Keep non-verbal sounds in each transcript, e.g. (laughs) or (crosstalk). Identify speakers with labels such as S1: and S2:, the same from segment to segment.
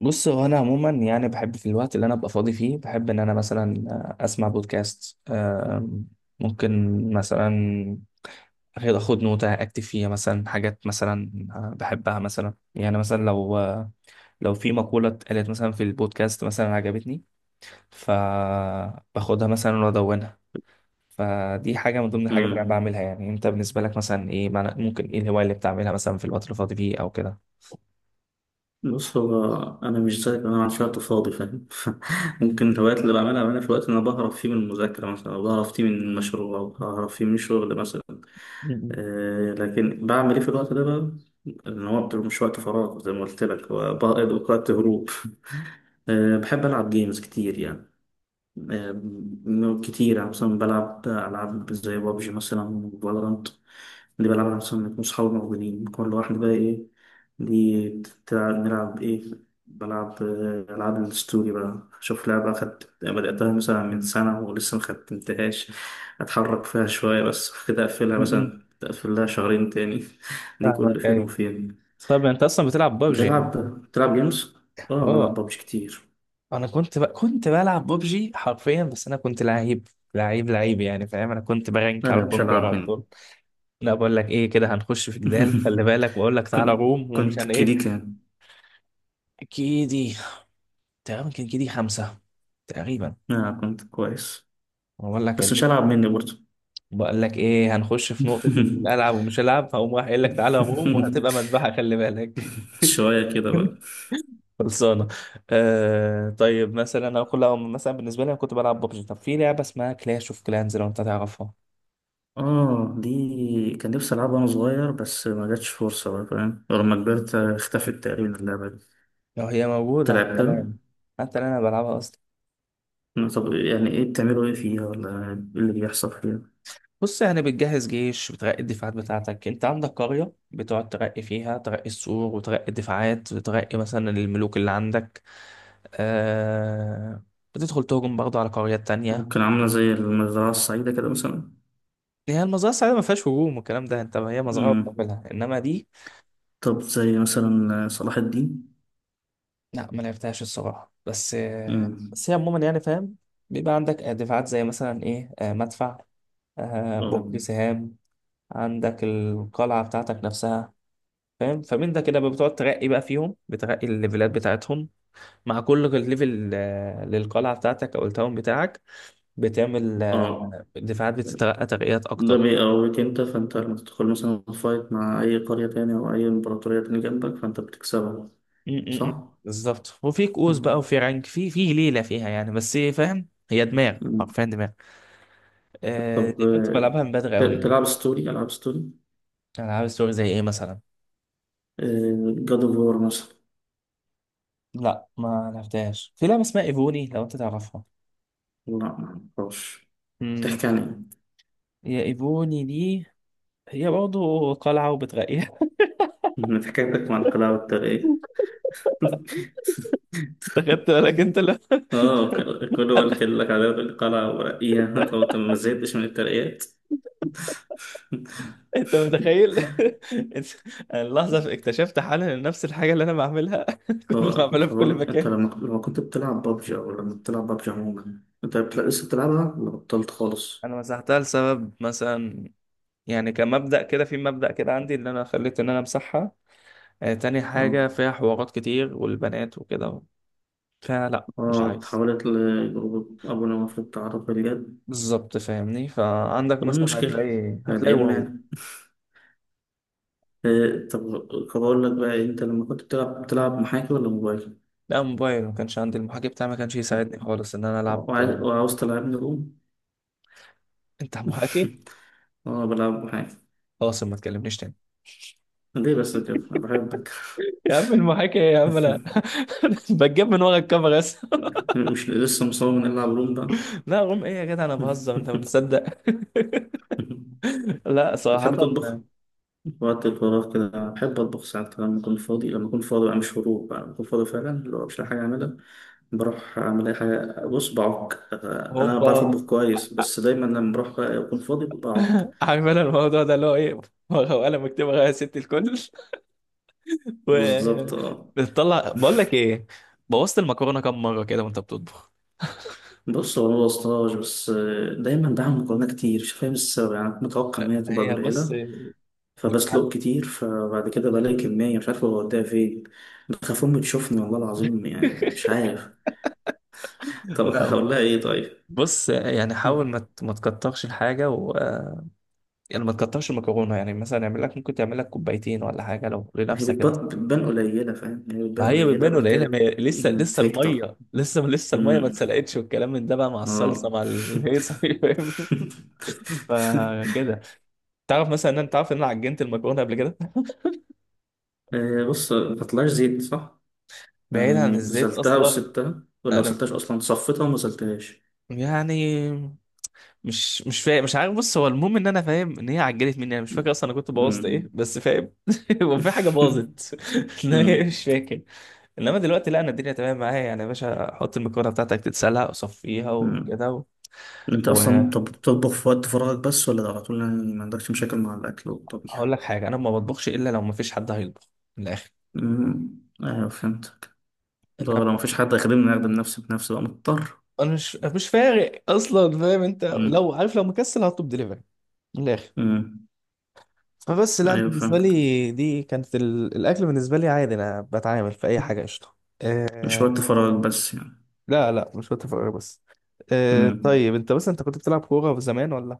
S1: بص، هو انا عموما يعني بحب في الوقت اللي انا ابقى فاضي فيه، بحب ان انا مثلا اسمع بودكاست، ممكن مثلا أخد نوتة اكتب فيها مثلا حاجات مثلا بحبها، مثلا يعني مثلا لو في مقولة اتقالت مثلا في البودكاست مثلا عجبتني، فباخدها مثلا وادونها. فدي حاجة من ضمن الحاجات اللي انا
S2: مم.
S1: بعملها. يعني انت بالنسبة لك مثلا ايه ممكن ايه الهواية اللي بتعملها مثلا في الوقت اللي فاضي فيه او كده؟
S2: بص هو انا مش زيك. انا ما عنديش وقت فاضي، فاهم؟ (laughs)
S1: م-
S2: ممكن الهوايات اللي بعملها في وقت انا بهرب فيه من المذاكره مثلا، او بهرب فيه من مشروع، او بهرب فيه من شغل مثلا.
S1: م-
S2: لكن بعمل ايه في الوقت ده بقى؟ ان هو بتبقى مش وقت فراغ زي ما قلت لك، هو بقى وقت هروب. (laughs) بحب العب جيمز كتير يعني. كتير يعني مثلا بلعب ألعاب زي بابجي مثلا وفالورانت. اللي بلعبها مثلا بيكون صحابي موجودين، كل واحد بقى إيه. دي نلعب إيه. بلعب ألعاب الستوري بقى. أشوف لعبة بدأتها مثلا من سنة ولسه مختمتهاش. أتحرك فيها شوية بس كده، أقفلها
S1: م- م-
S2: مثلا، أقفلها شهرين تاني. (laughs) دي
S1: فاهمك،
S2: كل فين
S1: أيوة.
S2: وفين.
S1: طب انت اصلا بتلعب ببجي يعني؟
S2: بتلعب بتلعب جيمز؟ آه بلعب
S1: اه،
S2: بابجي كتير.
S1: انا كنت بلعب ببجي حرفيا، بس انا كنت لعيب لعيب لعيب يعني، فاهم؟ انا كنت برانك على
S2: لا مش
S1: الكونكر
S2: هلعب
S1: على
S2: منه.
S1: طول. لا، بقول لك ايه، كده هنخش في جدال، خلي
S2: (laughs)
S1: بالك، بقول لك تعالى
S2: كن-
S1: روم ومش
S2: كنت
S1: عن
S2: كيديك
S1: ايه.
S2: يعني.
S1: كيدي؟ تقريبا كان كيدي خمسة تقريبا.
S2: آه كنت كويس.
S1: بقول لك،
S2: بس مش هلعب مني برضه.
S1: بقول لك ايه، هنخش في نقطة
S2: (laughs)
S1: الالعب ومش العب، هقوم راح قايل لك تعالى روم، وهتبقى مذبحة، خلي بالك.
S2: شوية كده بقى.
S1: (laughs) خلصانة. آه طيب مثلا انا كل مثلا بالنسبة لي انا كنت بلعب ببجي. طب في لعبة اسمها كلاش اوف كلانز، لو انت تعرفها؟
S2: اه، دي كان نفسي ألعبها وأنا صغير، بس ما جاتش فرصة بقى فاهم. ولما كبرت اختفت تقريبا اللعبة دي.
S1: لو هي
S2: أنت
S1: موجودة حتى الآن.
S2: لعبتها؟
S1: حتى الآن انا بلعبها اصلا.
S2: طب يعني ايه بتعملوا ايه فيها ولا ايه اللي بيحصل فيها؟
S1: بص، يعني بتجهز جيش، بترقي الدفاعات بتاعتك. انت عندك قرية بتقعد ترقي فيها، ترقي السور وترقي الدفاعات وترقي مثلا الملوك اللي عندك. آه، بتدخل تهجم برضه على قريات تانية.
S2: ممكن عاملة زي المزرعة السعيدة كده مثلا.
S1: هي المزرعة السعيدة ما فيهاش هجوم والكلام ده، انت هي مزرعة
S2: مم.
S1: بتعملها، انما دي
S2: طب زي مثلا صلاح الدين.
S1: لا، ما لعبتهاش الصراحة. بس
S2: مم.
S1: بس هي عموما يعني فاهم، بيبقى عندك دفاعات زي مثلا ايه، آه، مدفع، آه،
S2: اه،
S1: برج سهام، عندك القلعة بتاعتك نفسها، فاهم؟ فمن ده كده بتقعد ترقي بقى فيهم، بترقي الليفلات بتاعتهم. مع كل ليفل آه، للقلعة بتاعتك أو التاون بتاعك، بتعمل
S2: اه،
S1: آه، دفاعات، بتترقى ترقيات
S2: ده
S1: أكتر.
S2: بيقويك انت، فانت لما تدخل مثلا فايت مع اي قرية تانية او اي امبراطورية تانية جنبك فانت بتكسبها،
S1: م- م.
S2: صح؟
S1: بالظبط. وفي كؤوس بقى
S2: مم.
S1: وفي رانك، في ليلة فيها يعني، بس فاهم هي دماغ،
S2: مم.
S1: حرفيا دماغ. آه،
S2: طب
S1: دي كنت بلعبها من بدري
S2: ت-
S1: أوي يعني.
S2: تلعب ستوري، العاب ستوري.
S1: العاب ستوري زي ايه مثلا؟
S2: جاد اوف وور مثلا.
S1: لا، ما لعبتهاش. في لعبه اسمها ايفوني، لو انت تعرفها؟
S2: لا ما اعرفش. بتحكي
S1: امم،
S2: عن ايه؟
S1: هي ايفوني دي، هي برضه قلعه وبتغير.
S2: (laughs) من حكايتك مع القلاع والترقية. (laughs)
S1: (laughs) انت خدت بالك؟ انت لا، (laughs)
S2: اه، كله قال لك على القلعة ورقية. (laughs) طب انت ما زهقتش من الترقيات؟ (laughs)
S1: انت متخيل؟ (laughs) انت- انا اللحظه اكتشفت حالا ان نفس الحاجه اللي انا بعملها، (laughs)
S2: هو.
S1: كل ما بعملها في
S2: طب
S1: كل
S2: أقول لك، أنت
S1: مكان.
S2: لما كنت بتلعب بابجي أو لما بتلعب بابجي عموما، أنت لسه بتلعبها ولا بطلت خالص؟
S1: انا مسحتها لسبب مثلا، يعني كمبدأ كده، في مبدأ كده عندي اللي انا خليت ان انا امسحها. آه، تاني
S2: أه،
S1: حاجه، فيها حوارات كتير والبنات وكده، فلا مش
S2: أه،
S1: عايز.
S2: اتحولت لجروب أبو نواف للتعرف بالجد.
S1: بالظبط، فاهمني؟ فعندك
S2: طب إيه
S1: مثلا
S2: المشكلة؟
S1: هتلاقي،
S2: يعني
S1: هتلاقي
S2: إيه المانع؟
S1: واو.
S2: إيه، طب أقول لك بقى إيه، أنت لما كنت بتلعب محاكي ولا موبايل؟
S1: لا، موبايل. ما كانش عندي، المحاكي بتاعي ما كانش يساعدني خالص ان انا العب.
S2: وعاوز تلعبني روم؟
S1: انت محاكي؟
S2: (laughs) أه بلعب محاكي.
S1: خلاص، ما تكلمنيش تاني.
S2: ليه بس كده؟ أنا بحبك.
S1: يا عم المحاكي إيه يا عم، انا
S2: (laughs)
S1: (laughs) بتجيب من ورا الكاميرا بس.
S2: مش لسه مصمم إني ألعب روم بقى.
S1: (laughs) لا، غم ايه يا جدع، انا بهزر، انت ما بتصدق؟
S2: (laughs)
S1: (laughs) لا صراحة.
S2: بتحب تطبخ؟ وقت الفراغ كده بحب أطبخ ساعات كده لما أكون فاضي بقى مش هروب بقى، لما أكون فاضي فعلا، اللي هو مش لاقي حاجة أعملها، بروح أعمل أي حاجة. بص، بعك. أنا
S1: هوبا.
S2: بعرف أطبخ كويس بس دايما لما بروح بقى أكون فاضي بعك.
S1: (laughs) عارف انا الموضوع ده اللي هو ايه؟ ورقه وقلم، اكتب ورقه يا ست الكل. (laughs) و،
S2: بالظبط أه.
S1: بتطلع، بقول لك ايه، بوظت المكرونه كام مره كده وانت بتطبخ؟
S2: بص هو أنا مبوظتهاش بس دايما بعمل مكرونة كتير، مش فاهم السبب. يعني كنت متوقع إن هي تبقى
S1: هي بص،
S2: قليلة،
S1: (laughs)
S2: فبسلق كتير، فبعد كده بلاقي كمية مش عارف أوديها فين. بخاف أمي تشوفني والله العظيم، يعني مش عارف. طب (laughs)
S1: لا
S2: هقول لها إيه طيب؟
S1: بص يعني، حاول ما ما تكترش الحاجه و آه، يعني ما تكترش المكرونه. يعني مثلا اعمل لك، ممكن تعمل لك كوبايتين ولا حاجه لو
S2: ما هي
S1: لنفسك انت.
S2: بتبان قليلة فاهم، هي بتبان
S1: ما هي
S2: قليلة
S1: بتبان
S2: بس
S1: قليله،
S2: كده.
S1: ما هي لسه لسه
S2: تكتر.
S1: الميه، لسه لسه الميه ما
S2: مم.
S1: اتسلقتش، والكلام من ده بقى، مع الصلصه
S2: اه.
S1: مع الهيصه،
S2: (laughs)
S1: (laughs) فاهم؟ فكده. تعرف مثلا ان انت، عارف ان انا عجنت المكرونه قبل كده؟
S2: بص ما طلعش زيت صح؟
S1: بعيد عن الزيت
S2: غسلتها
S1: اصلا.
S2: وسبتها ولا
S1: انا
S2: غسلتهاش أصلا؟ صفيتها وما غسلتهاش.
S1: يعني، مش فاهم، مش عارف. بص، هو المهم ان انا فاهم ان هي عجلت مني. انا مش فاكر اصلا انا كنت بوظت
S2: مم.
S1: ايه، بس فاهم. (laughs) هو في حاجه
S2: (laughs)
S1: باظت. (laughs) لا هي
S2: مم.
S1: مش فاكر. انما دلوقتي لا، انا الدنيا تمام معايا يعني. يا باشا حط المكرونه بتاعتك تتسلق، وصفيها،
S2: مم.
S1: وكده، و...
S2: أنت أصلا
S1: وهقول
S2: طب بتطبخ في وقت فراغك بس ولا على طول؟ يعني ما عندكش مشاكل مع الأكل والطبيخ؟
S1: لك حاجه، انا ما بطبخش الا لو ما فيش حد هيطبخ. من الاخر.
S2: مم. أيوه فهمتك. لو
S1: انا
S2: لو مفيش حد هيخدمني أخدم نفسي بنفسي بقى مضطر.
S1: انا مش فارق اصلا، فاهم؟ انت لو
S2: مم.
S1: عارف، لو مكسل هطلب دليفري. من الاخر.
S2: مم.
S1: فبس لا، أنا
S2: ايوه
S1: بالنسبه
S2: فاهمك.
S1: لي دي كانت الاكل بالنسبه لي عادي، انا بتعامل في اي حاجه قشطه.
S2: مش
S1: آه،
S2: وقت فراغ بس يعني.
S1: لا لا مش وقت فراغ بس. آه
S2: امم
S1: طيب انت بس، انت كنت بتلعب كورة زمان ولا؟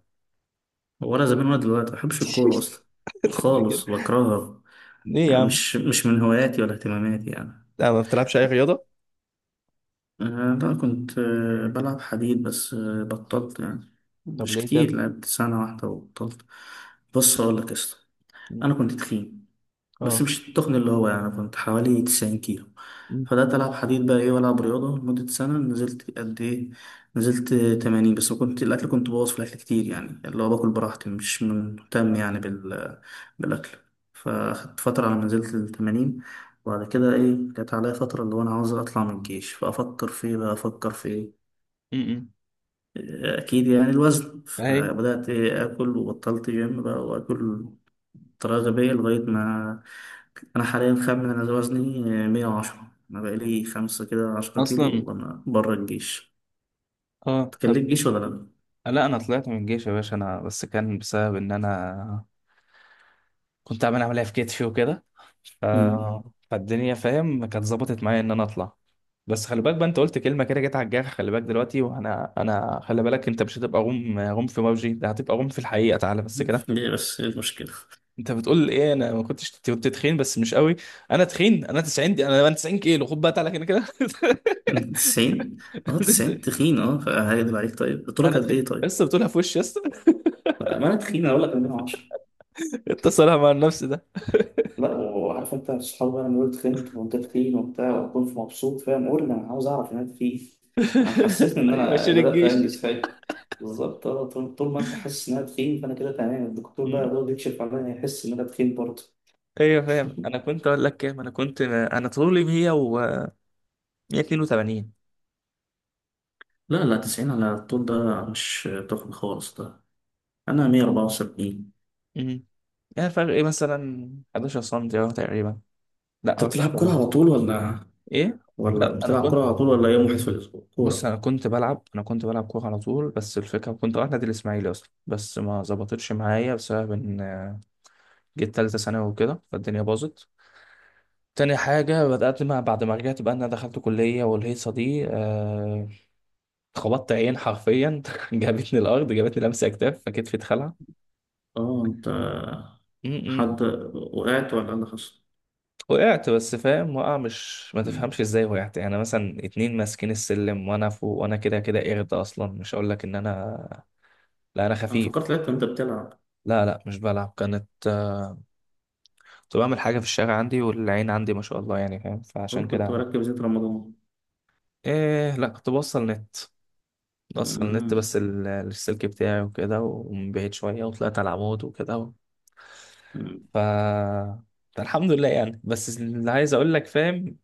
S2: ولا زمان ولا دلوقتي، ما بحبش الكورة أصلا،
S1: (laughs) قبل كده.
S2: خالص بكرهها.
S1: ليه يا
S2: يعني
S1: عم؟
S2: مش من هواياتي ولا اهتماماتي يعني.
S1: لا، ما بتلعبش اي رياضة؟
S2: لا، كنت بلعب حديد بس بطلت يعني.
S1: طب
S2: مش
S1: ليه
S2: كتير،
S1: كده؟
S2: لعبت سنة واحدة وبطلت. بص أقول لك يا اسطى،
S1: مم.
S2: أنا كنت تخين. بس
S1: اه.
S2: مش التخن اللي هو، يعني كنت حوالي 90 كيلو.
S1: مم.
S2: فبدأت ألعب حديد بقى إيه وألعب رياضة لمدة سنة، نزلت قد إيه؟ نزلت 80. بس كنت بوظ في الأكل كتير، يعني اللي هو باكل براحتي مش مهتم يعني بالأكل. فأخدت فترة على ما نزلت ل 80. وبعد كده إيه جت عليا فترة اللي هو أنا عاوز أطلع من الجيش، فأفكر في إيه بقى أفكر في إيه.
S1: مم.
S2: أكيد يعني الوزن.
S1: اهي.
S2: فبدأت إيه آكل وبطلت جيم بقى وآكل، طريقة غبية لغاية ما. أنا حاليا خامن أنا وزني 110. أنا بقالي خمسة كده 10 كيلو
S1: اصلا.
S2: وأنا بره الجيش.
S1: اه طب.
S2: تكلم جيش ولا لأ؟
S1: لا انا طلعت من الجيش يا باشا. انا بس كان بسبب ان انا كنت عامل عملية في كتفي وكده، ف...
S2: مم.
S1: فالدنيا فاهم كانت ظبطت معايا ان انا اطلع. بس خلي بالك بقى، انت قلت كلمة كده جت على الجرح. خلي بالك دلوقتي، وانا، انا خلي بالك، انت مش هتبقى غم غم في موجي ده، هتبقى غم في الحقيقة، تعالى بس كده.
S2: ليه بس إيه المشكلة؟
S1: انت بتقول ايه، انا ما كنتش كنت تخين بس مش قوي؟ انا تخين. انا 90 دي، انا 90 كيلو، خد بقى تعالى كده كده.
S2: 90؟ أه 90
S1: (laughs)
S2: تخين أه. هيكدب عليك، طيب قلت له
S1: انا
S2: قد
S1: تخين،
S2: إيه طيب؟
S1: لسه بتقولها في وشي لسه؟
S2: ما أنا تخين أقول لك 110.
S1: انت صالح (laughs) مع النفس ده.
S2: لا، وعارف انت الصحاب بقى لما يقولوا تخنت وانت تخين وبتاع، واكون في مبسوط فاهم، قول لي انا عاوز اعرف ان انت فيه. انا حسيت
S1: (laughs)
S2: ان
S1: ايوه
S2: انا
S1: عشان
S2: بدات
S1: الجيش.
S2: انجز فاهم. بالظبط، طول ما انت حاسس ان انا تخين فانا كده تمام. الدكتور بقى يقعد يكشف عليا يحس ان انا تخين برضه.
S1: ايوه فاهم. انا
S2: (laughs)
S1: كنت اقول لك كام، انا كنت، انا طولي 100 و 182.
S2: لا لا، 90 على الطول ده مش تخن خالص ده. أنا 174.
S1: امم، يعني فرق ايه مثلا؟ 11 سم اهو تقريبا. لا
S2: أنت بتلعب
S1: 11
S2: كورة
S1: ده.
S2: على طول ولا؟
S1: ايه؟
S2: ولا
S1: لا انا
S2: بتلعب كورة
S1: كنت،
S2: على طول ولا يوم واحد في الأسبوع
S1: بص انا
S2: كورة؟
S1: كنت بلعب، انا كنت بلعب كوره على طول. بس الفكره كنت رايح نادي الاسماعيلي اصلا، بس ما ظبطتش معايا بسبب ان جيت ثالثه ثانوي وكده، فالدنيا باظت. تاني حاجة بدأت ما بعد ما رجعت بقى، إن أنا دخلت كلية والهيصة دي، آه، خبطت عين حرفيا. (laughs) جابتني الأرض، جابتني لمسة أكتاف، فكتفي
S2: أه، أنت،
S1: اتخلع.
S2: حد، وقعت ولا اللي حصل؟
S1: وقعت بس، فاهم وقع مش، ما تفهمش ازاي وقعت يعني. مثلا اتنين ماسكين السلم وانا فوق، وانا كده كده قرد اصلا، مش هقول لك ان انا، لا انا
S2: انا
S1: خفيف.
S2: فكرت لقيت انت بتلعب.
S1: لا لا مش بلعب، كانت كنت بعمل حاجه في الشارع عندي، والعين عندي ما شاء الله يعني، فاهم؟ فعشان
S2: قول، كنت
S1: كده،
S2: بركب زيت رمضان.
S1: ايه لا كنت بوصل نت. بوصل نت
S2: أمم.
S1: بس السلك بتاعي وكده، ومن بعيد شويه، وطلعت على العمود وكده،
S2: أمم.
S1: ف، فالحمد لله يعني. بس اللي عايز اقول لك، فاهم،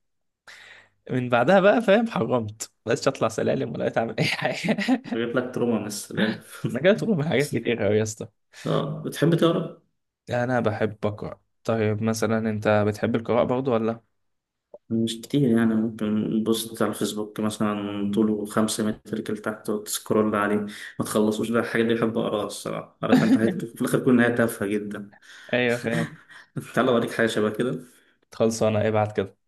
S1: من بعدها بقى فاهم حرمت، بقيتش اطلع سلالم ولا بقيت اعمل اي حاجه. (laughs)
S2: جايب لك تروما من السلالم.
S1: انا جاي
S2: (laughs)
S1: تروح من حاجات كتير قوي يا اسطى.
S2: اه بتحب تقرا؟
S1: يعني انا بحب اقرا. طيب مثلا انت بتحب القراءه برضو ولا؟
S2: مش كتير يعني، ممكن بوست على الفيسبوك مثلا طوله 5 متر كده تحت وتسكرول عليه ما تخلصوش. ده الحاجات دي بحب اقراها، الصراحة عارف انت حاجات
S1: (laughs)
S2: في الآخر كل نهاية تافهة جدا.
S1: ايوه فاهم.
S2: (laughs) تعالى اوريك حاجة شبه كده.
S1: خلصانه، ابعت كده.